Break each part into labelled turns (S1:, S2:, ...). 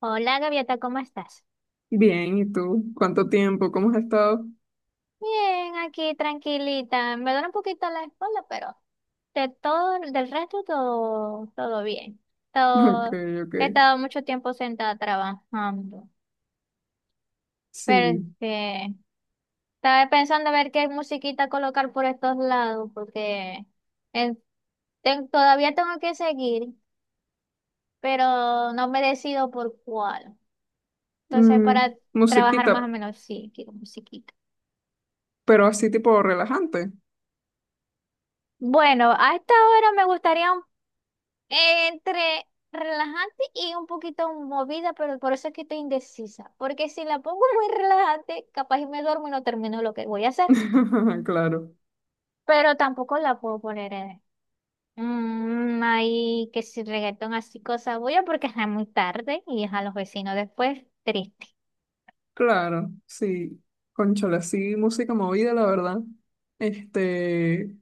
S1: Hola, Gaviota, ¿cómo estás?
S2: Bien, ¿y tú? ¿Cuánto tiempo? ¿Cómo has estado?
S1: Bien, aquí tranquilita. Me duele un poquito la espalda, pero de todo, del resto todo, todo bien.
S2: Ok,
S1: Todo,
S2: ok.
S1: he estado mucho tiempo sentada trabajando. Pero
S2: Sí.
S1: este, estaba pensando a ver qué musiquita colocar por estos lados, porque eh, todavía tengo que seguir, pero no me decido por cuál. Entonces, para
S2: Mm,
S1: trabajar más o
S2: musiquita,
S1: menos, sí, quiero musiquita.
S2: pero así tipo relajante.
S1: Bueno, a esta hora me gustaría entre relajante y un poquito movida, pero por eso es que estoy indecisa. Porque si la pongo muy relajante, capaz y me duermo y no termino lo que voy a hacer.
S2: Claro,
S1: Pero tampoco la puedo poner en, ahí, que si reggaetón así, cosas voy a porque es muy tarde y es a los vecinos después, triste.
S2: claro, sí. Cónchale, sí, música movida, la verdad. Este,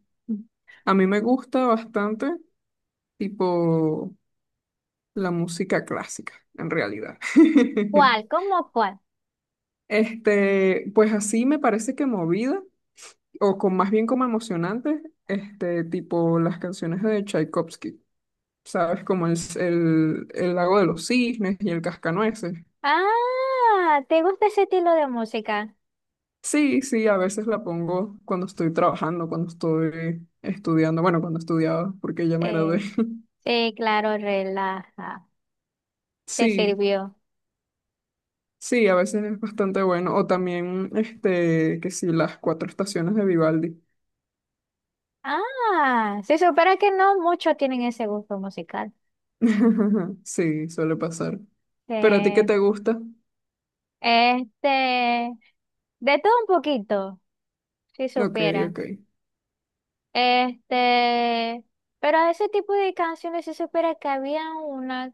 S2: a mí me gusta bastante, tipo, la música clásica, en realidad.
S1: ¿Cuál? ¿Cómo cuál?
S2: Pues así me parece que movida, o con más bien como emocionante, tipo las canciones de Tchaikovsky. ¿Sabes? Como el lago de los cisnes y el cascanueces.
S1: Ah, ¿te gusta ese estilo de música?
S2: Sí, sí, a veces la pongo cuando estoy trabajando, cuando estoy estudiando, bueno, cuando estudiaba, porque ya me gradué.
S1: Sí, sí, claro, relaja. Te
S2: Sí,
S1: sirvió.
S2: sí, a veces es bastante bueno. O también, que sí, las cuatro estaciones de Vivaldi.
S1: Ah, si supera que no muchos tienen ese gusto musical.
S2: Sí, suele pasar. ¿Pero a ti qué
S1: Eh,
S2: te gusta?
S1: este, de todo un poquito, si
S2: Ok,
S1: supieran.
S2: ok.
S1: Este, pero a ese tipo de canciones se supera que había una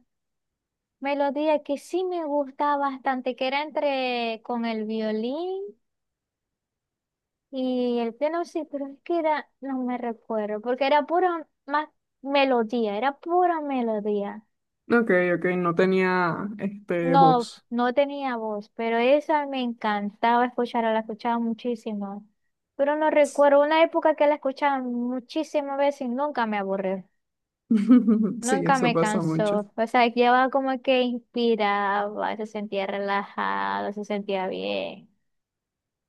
S1: melodía que sí me gustaba bastante, que era entre con el violín y el piano, sí, pero es que era, no me recuerdo, porque era pura más melodía, era pura melodía.
S2: Ok, ok, no tenía,
S1: No,
S2: voz.
S1: no tenía voz, pero esa me encantaba escucharla, la escuchaba muchísimo. Pero no recuerdo una época que la escuchaba muchísimas veces y nunca me aburrió,
S2: Sí,
S1: nunca
S2: eso
S1: me
S2: pasa mucho.
S1: cansó. O sea, llevaba como que inspiraba, se sentía relajado, se sentía bien.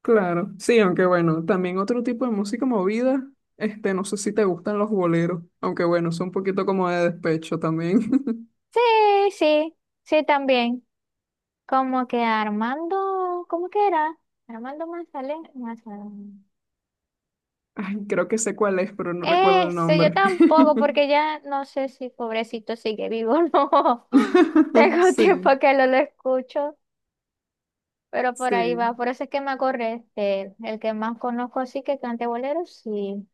S2: Claro, sí, aunque bueno, también otro tipo de música movida, no sé si te gustan los boleros, aunque bueno, son un poquito como de despecho también.
S1: Sí, sí, sí también. Como que Armando, ¿cómo que era? Armando Manzanero.
S2: Ay, creo que sé cuál es, pero no recuerdo el
S1: Eso, yo
S2: nombre.
S1: tampoco, porque ya no sé si pobrecito sigue vivo o no. Tengo tiempo
S2: Sí,
S1: que no lo escucho, pero por ahí va.
S2: sí,
S1: Por eso es que me acordé de él. El que más conozco sí que cante bolero, sí.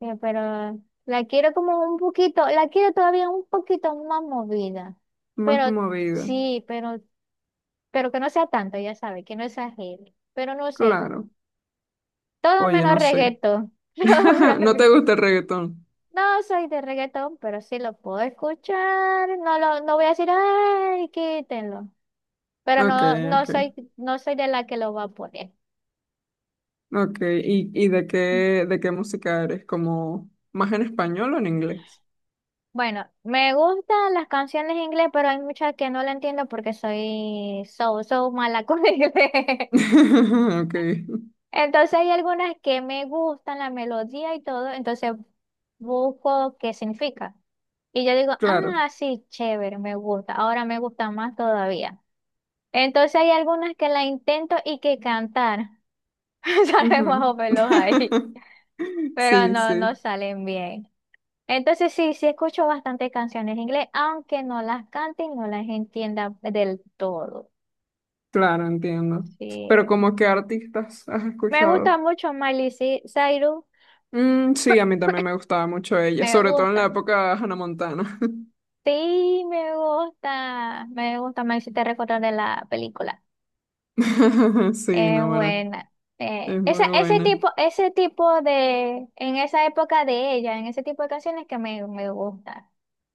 S1: Pero la quiero como un poquito, la quiero todavía un poquito más movida.
S2: más
S1: Pero
S2: movida,
S1: sí, pero que no sea tanto, ya sabe, que no exagere. Pero no sé,
S2: claro.
S1: todo
S2: Oye,
S1: menos
S2: no sé.
S1: reggaetón. Todo menos
S2: ¿No te
S1: reggaetón.
S2: gusta el reggaetón?
S1: No soy de reggaetón, pero sí lo puedo escuchar. No lo, no voy a decir, ay, quítenlo. Pero
S2: Ok,
S1: no, no
S2: ok,
S1: soy, no soy de la que lo va a poner.
S2: ok. ¿Y de qué música eres? ¿Como más en español o en inglés?
S1: Bueno, me gustan las canciones en inglés, pero hay muchas que no la entiendo porque soy so mala con el inglés.
S2: Ok,
S1: Entonces hay algunas que me gustan, la melodía y todo, entonces busco qué significa. Y yo digo,
S2: claro.
S1: ah, sí, chévere, me gusta, ahora me gusta más todavía. Entonces hay algunas que la intento y que cantar, salen más
S2: Ujú.
S1: o menos ahí, pero
S2: Sí,
S1: no, no
S2: sí,
S1: salen bien. Entonces sí, sí escucho bastante canciones en inglés, aunque no las cante y no las entienda del todo.
S2: claro, entiendo. ¿Pero
S1: Sí.
S2: como qué artistas has
S1: Me gusta
S2: escuchado?
S1: mucho Miley Cyrus,
S2: Mm, sí, a mí también me gustaba mucho ella,
S1: me
S2: sobre todo en la
S1: gusta.
S2: época de Hannah Montana.
S1: Sí, me gusta, me gusta, me hiciste recordar de la película.
S2: Sí,
S1: Es
S2: no, ¿verdad?
S1: buena.
S2: Es
S1: Esa,
S2: muy buena.
S1: ese tipo de, en esa época de ella, en ese tipo de canciones que me gusta,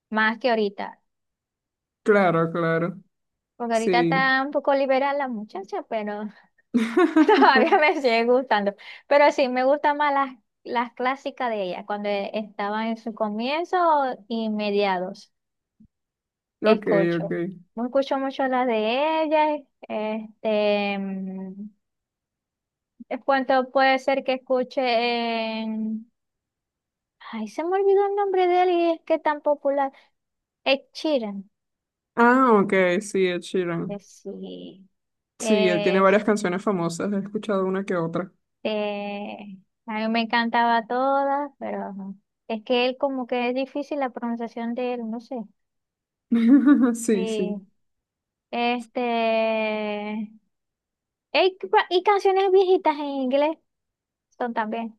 S1: más que ahorita.
S2: Claro, claro.
S1: Porque ahorita
S2: Sí.
S1: está un poco liberal la muchacha, pero todavía me sigue gustando. Pero sí, me gustan más las clásicas de ella, cuando estaba en su comienzo y mediados.
S2: Ok,
S1: Escucho,
S2: ok.
S1: no escucho mucho las de ella. Este, en cuanto puede ser que escuche en... Ay, se me olvidó el nombre de él y es que tan popular. Ed Sheeran.
S2: Ah, ok, sí, Ed Sheeran.
S1: Sí.
S2: Sí, él tiene varias
S1: Este,
S2: canciones famosas, he escuchado una que otra.
S1: a mí me encantaba todas, pero ajá, es que él como que es difícil la pronunciación de él, no sé.
S2: Sí, sí.
S1: Sí. Este, y, y canciones viejitas en inglés son también.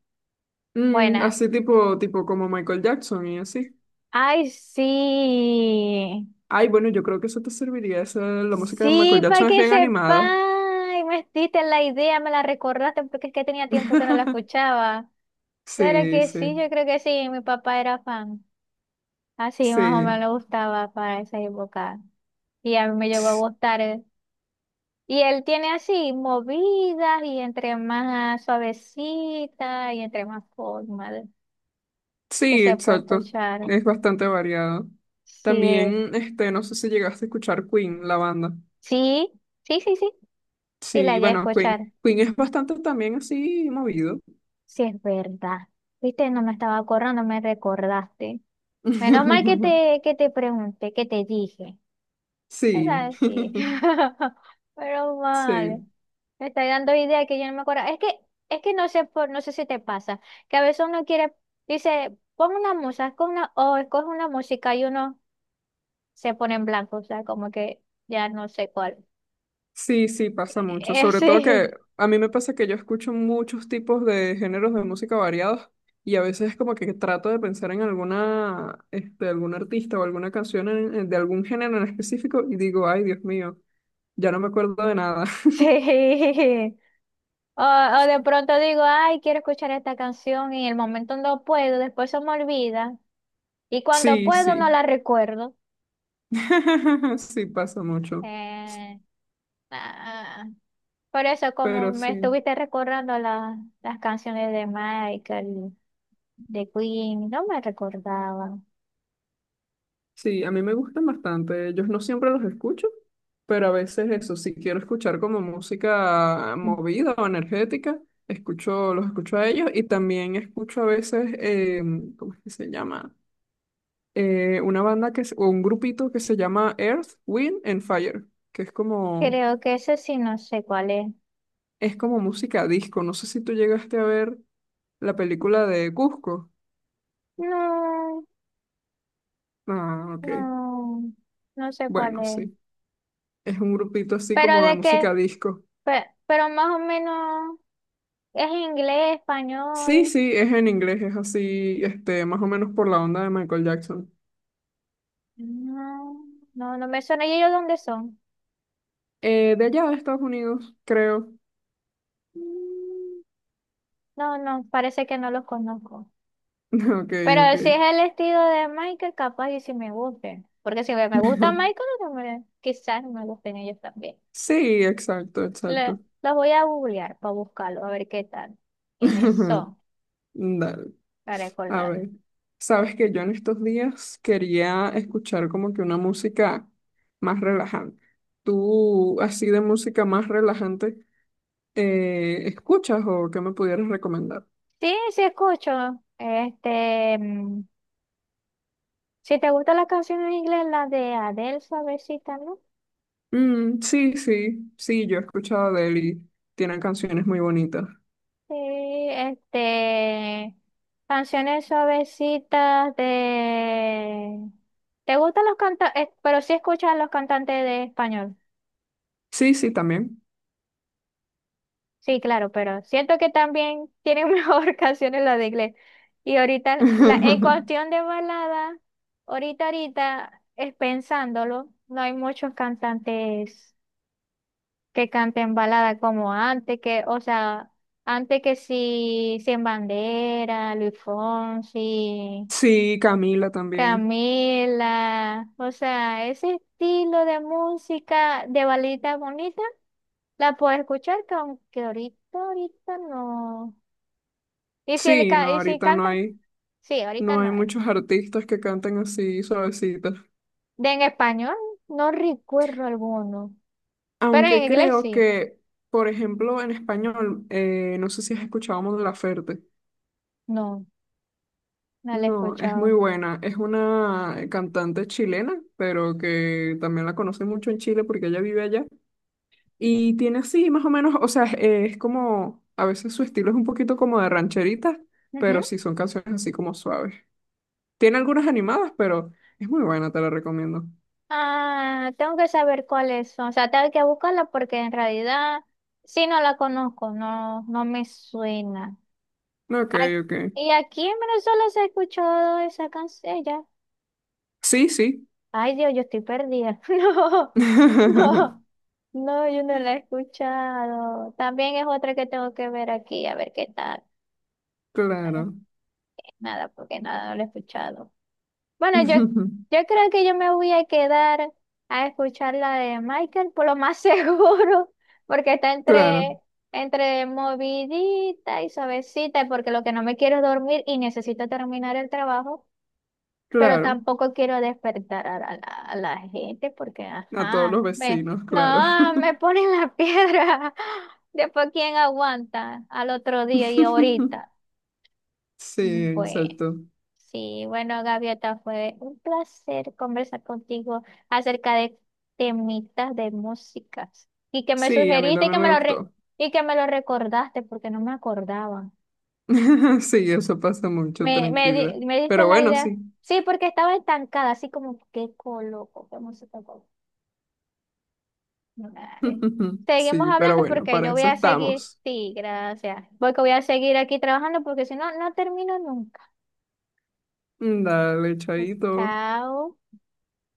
S1: Bueno,
S2: Mm, así tipo, tipo como Michael Jackson y así.
S1: ay, sí.
S2: Ay, bueno, yo creo que eso te serviría. Esa, la música de Michael
S1: Sí, para
S2: Jackson es
S1: que
S2: bien
S1: sepa.
S2: animada.
S1: Ay, me diste la idea, me la recordaste porque es que tenía tiempo que no la escuchaba. Claro
S2: Sí,
S1: que sí,
S2: sí,
S1: yo creo que sí, mi papá era fan. Así más o menos le
S2: sí.
S1: gustaba para esa época. Y a mí me llegó a gustar. Eh. Y él tiene así movidas y entre más suavecita y entre más que
S2: Sí,
S1: se puede
S2: exacto.
S1: escuchar.
S2: Es bastante variado.
S1: Sí,
S2: También, no sé si llegaste a escuchar Queen, la banda.
S1: sí, sí. Y la
S2: Sí,
S1: llegué a
S2: bueno, Queen.
S1: escuchar.
S2: Queen es bastante también así movido.
S1: Sí, es verdad. Viste, no me estaba acordando, me recordaste. Menos mal que te pregunté, que te dije. Es
S2: Sí,
S1: así, pero mal.
S2: sí.
S1: Me está dando idea que yo no me acuerdo. Es que no sé por, no sé si te pasa. Que a veces uno quiere, dice, pon una música, con una, o escoge una música y uno se pone en blanco. O sea, como que ya no sé cuál.
S2: Sí, sí, pasa mucho. Sobre todo que
S1: Sí,
S2: a mí me pasa que yo escucho muchos tipos de géneros de música variados y a veces es como que trato de pensar en alguna, algún artista o alguna canción de algún género en específico y digo, ay, Dios mío, ya no me acuerdo de nada.
S1: sí. O, o de pronto digo, ay, quiero escuchar esta canción y en el momento no puedo, después se me olvida. Y cuando
S2: Sí,
S1: puedo no
S2: sí.
S1: la recuerdo.
S2: Sí, pasa mucho.
S1: Eh, ah, por eso,
S2: Pero
S1: como me
S2: sí.
S1: estuviste recordando las canciones de Michael, de Queen, no me recordaba.
S2: Sí, a mí me gustan bastante. Ellos no siempre los escucho, pero a veces eso, si quiero escuchar como música movida o energética, escucho, los escucho a ellos y también escucho a veces, ¿cómo es que se llama? Una banda o un grupito que se llama Earth, Wind and Fire, que
S1: Creo que ese sí no sé cuál es.
S2: es como música disco. No sé si tú llegaste a ver la película de Cusco.
S1: No,
S2: Ah, ok.
S1: no, no sé cuál
S2: Bueno,
S1: es.
S2: sí. Es un grupito así
S1: Pero
S2: como de
S1: de qué,
S2: música disco.
S1: pero más o menos es inglés,
S2: Sí,
S1: español.
S2: sí, es en inglés, es así, más o menos por la onda de Michael Jackson.
S1: No, no, no me suena. ¿Y ellos dónde son?
S2: De allá de Estados Unidos, creo.
S1: Mm, no, no, parece que no los conozco.
S2: Ok,
S1: Pero
S2: ok.
S1: si es el estilo de Michael, capaz y si me gusten. Porque si me gusta Michael, quizás no me gusten ellos también.
S2: Sí, exacto, exacto.
S1: Los voy a googlear para buscarlo, a ver qué tal. ¿Quiénes son?
S2: Dale,
S1: Para
S2: a
S1: recordar.
S2: ver. Sabes que yo en estos días quería escuchar como que una música más relajante. ¿Tú, así de música más relajante, escuchas o qué me pudieras recomendar?
S1: Sí, sí escucho. Este, si te gustan las canciones en inglés, las de Adele, suavecita, ¿no?
S2: Mm, sí, sí, sí, yo he escuchado de él y tienen canciones muy bonitas.
S1: Sí, este, canciones suavecitas de... ¿Te gustan los cantantes? Pero sí escuchas los cantantes de español.
S2: Sí, sí, también.
S1: Sí, claro, pero siento que también tienen mejor canciones las de inglés. Y ahorita, la, en cuestión de balada, ahorita, ahorita, es pensándolo, no hay muchos cantantes que canten balada como antes, que, o sea, antes que sí, Sin Bandera, Luis Fonsi.
S2: Sí, Camila también.
S1: Camila, o sea, ese estilo de música de balita bonita la puedo escuchar, que aunque ahorita, ahorita no. Y si, el,
S2: Sí, no,
S1: y si
S2: ahorita no
S1: canta,
S2: hay,
S1: sí, ahorita
S2: no
S1: no
S2: hay
S1: hay.
S2: muchos artistas que canten así suavecitos.
S1: De en español, no recuerdo alguno, pero en
S2: Aunque
S1: inglés
S2: creo
S1: sí,
S2: que, por ejemplo, en español, no sé si has escuchado Mon Laferte.
S1: no, no la he
S2: No, es muy
S1: escuchado.
S2: buena. Es una cantante chilena, pero que también la conoce mucho en Chile porque ella vive allá. Y tiene así, más o menos, o sea, es como, a veces su estilo es un poquito como de rancherita,
S1: Ujú.
S2: pero sí son canciones así como suaves. Tiene algunas animadas, pero es muy buena, te la recomiendo.
S1: Ah, tengo que saber cuáles son, o sea, tengo que buscarla porque en realidad, sí, no la conozco, no, no me suena.
S2: Ok,
S1: Ac-
S2: ok.
S1: Y aquí en Venezuela se ha escuchado esa canción ya.
S2: Sí, sí.
S1: Ay, Dios, yo estoy perdida. No, no, no, yo no la he escuchado. También es otra que tengo que ver aquí, a ver qué tal.
S2: Claro.
S1: Nada, porque nada, no la he escuchado. Bueno, yo, yo creo que yo me voy a quedar a escuchar la de Michael, por lo más seguro, porque está
S2: Claro,
S1: entre, entre movidita y suavecita, porque lo que no me quiero es dormir y necesito terminar el trabajo. Pero
S2: claro.
S1: tampoco quiero despertar a, la, a la gente porque,
S2: A todos
S1: ajá,
S2: los
S1: ve,
S2: vecinos, claro.
S1: no, me ponen la piedra. Después, ¿quién aguanta al otro día y ahorita?
S2: Sí,
S1: Pues
S2: exacto.
S1: sí, bueno, Gaviota, fue un placer conversar contigo acerca de temitas de músicas y que me
S2: Sí, a mí
S1: sugeriste y que
S2: también
S1: me
S2: me
S1: lo,
S2: gustó.
S1: y que me lo recordaste porque no me acordaba.
S2: Sí, eso pasa mucho,
S1: Me,
S2: tranquila.
S1: me diste
S2: Pero
S1: la
S2: bueno,
S1: idea.
S2: sí.
S1: Sí, porque estaba estancada, así como, ¿qué coloco? ¿Qué música coloco? Dale. Seguimos
S2: Sí, pero
S1: hablando
S2: bueno,
S1: porque
S2: para
S1: yo voy
S2: eso
S1: a seguir.
S2: estamos.
S1: Sí, gracias. Voy que voy a seguir aquí trabajando porque si no, no termino nunca.
S2: Dale, chaito.
S1: Chao.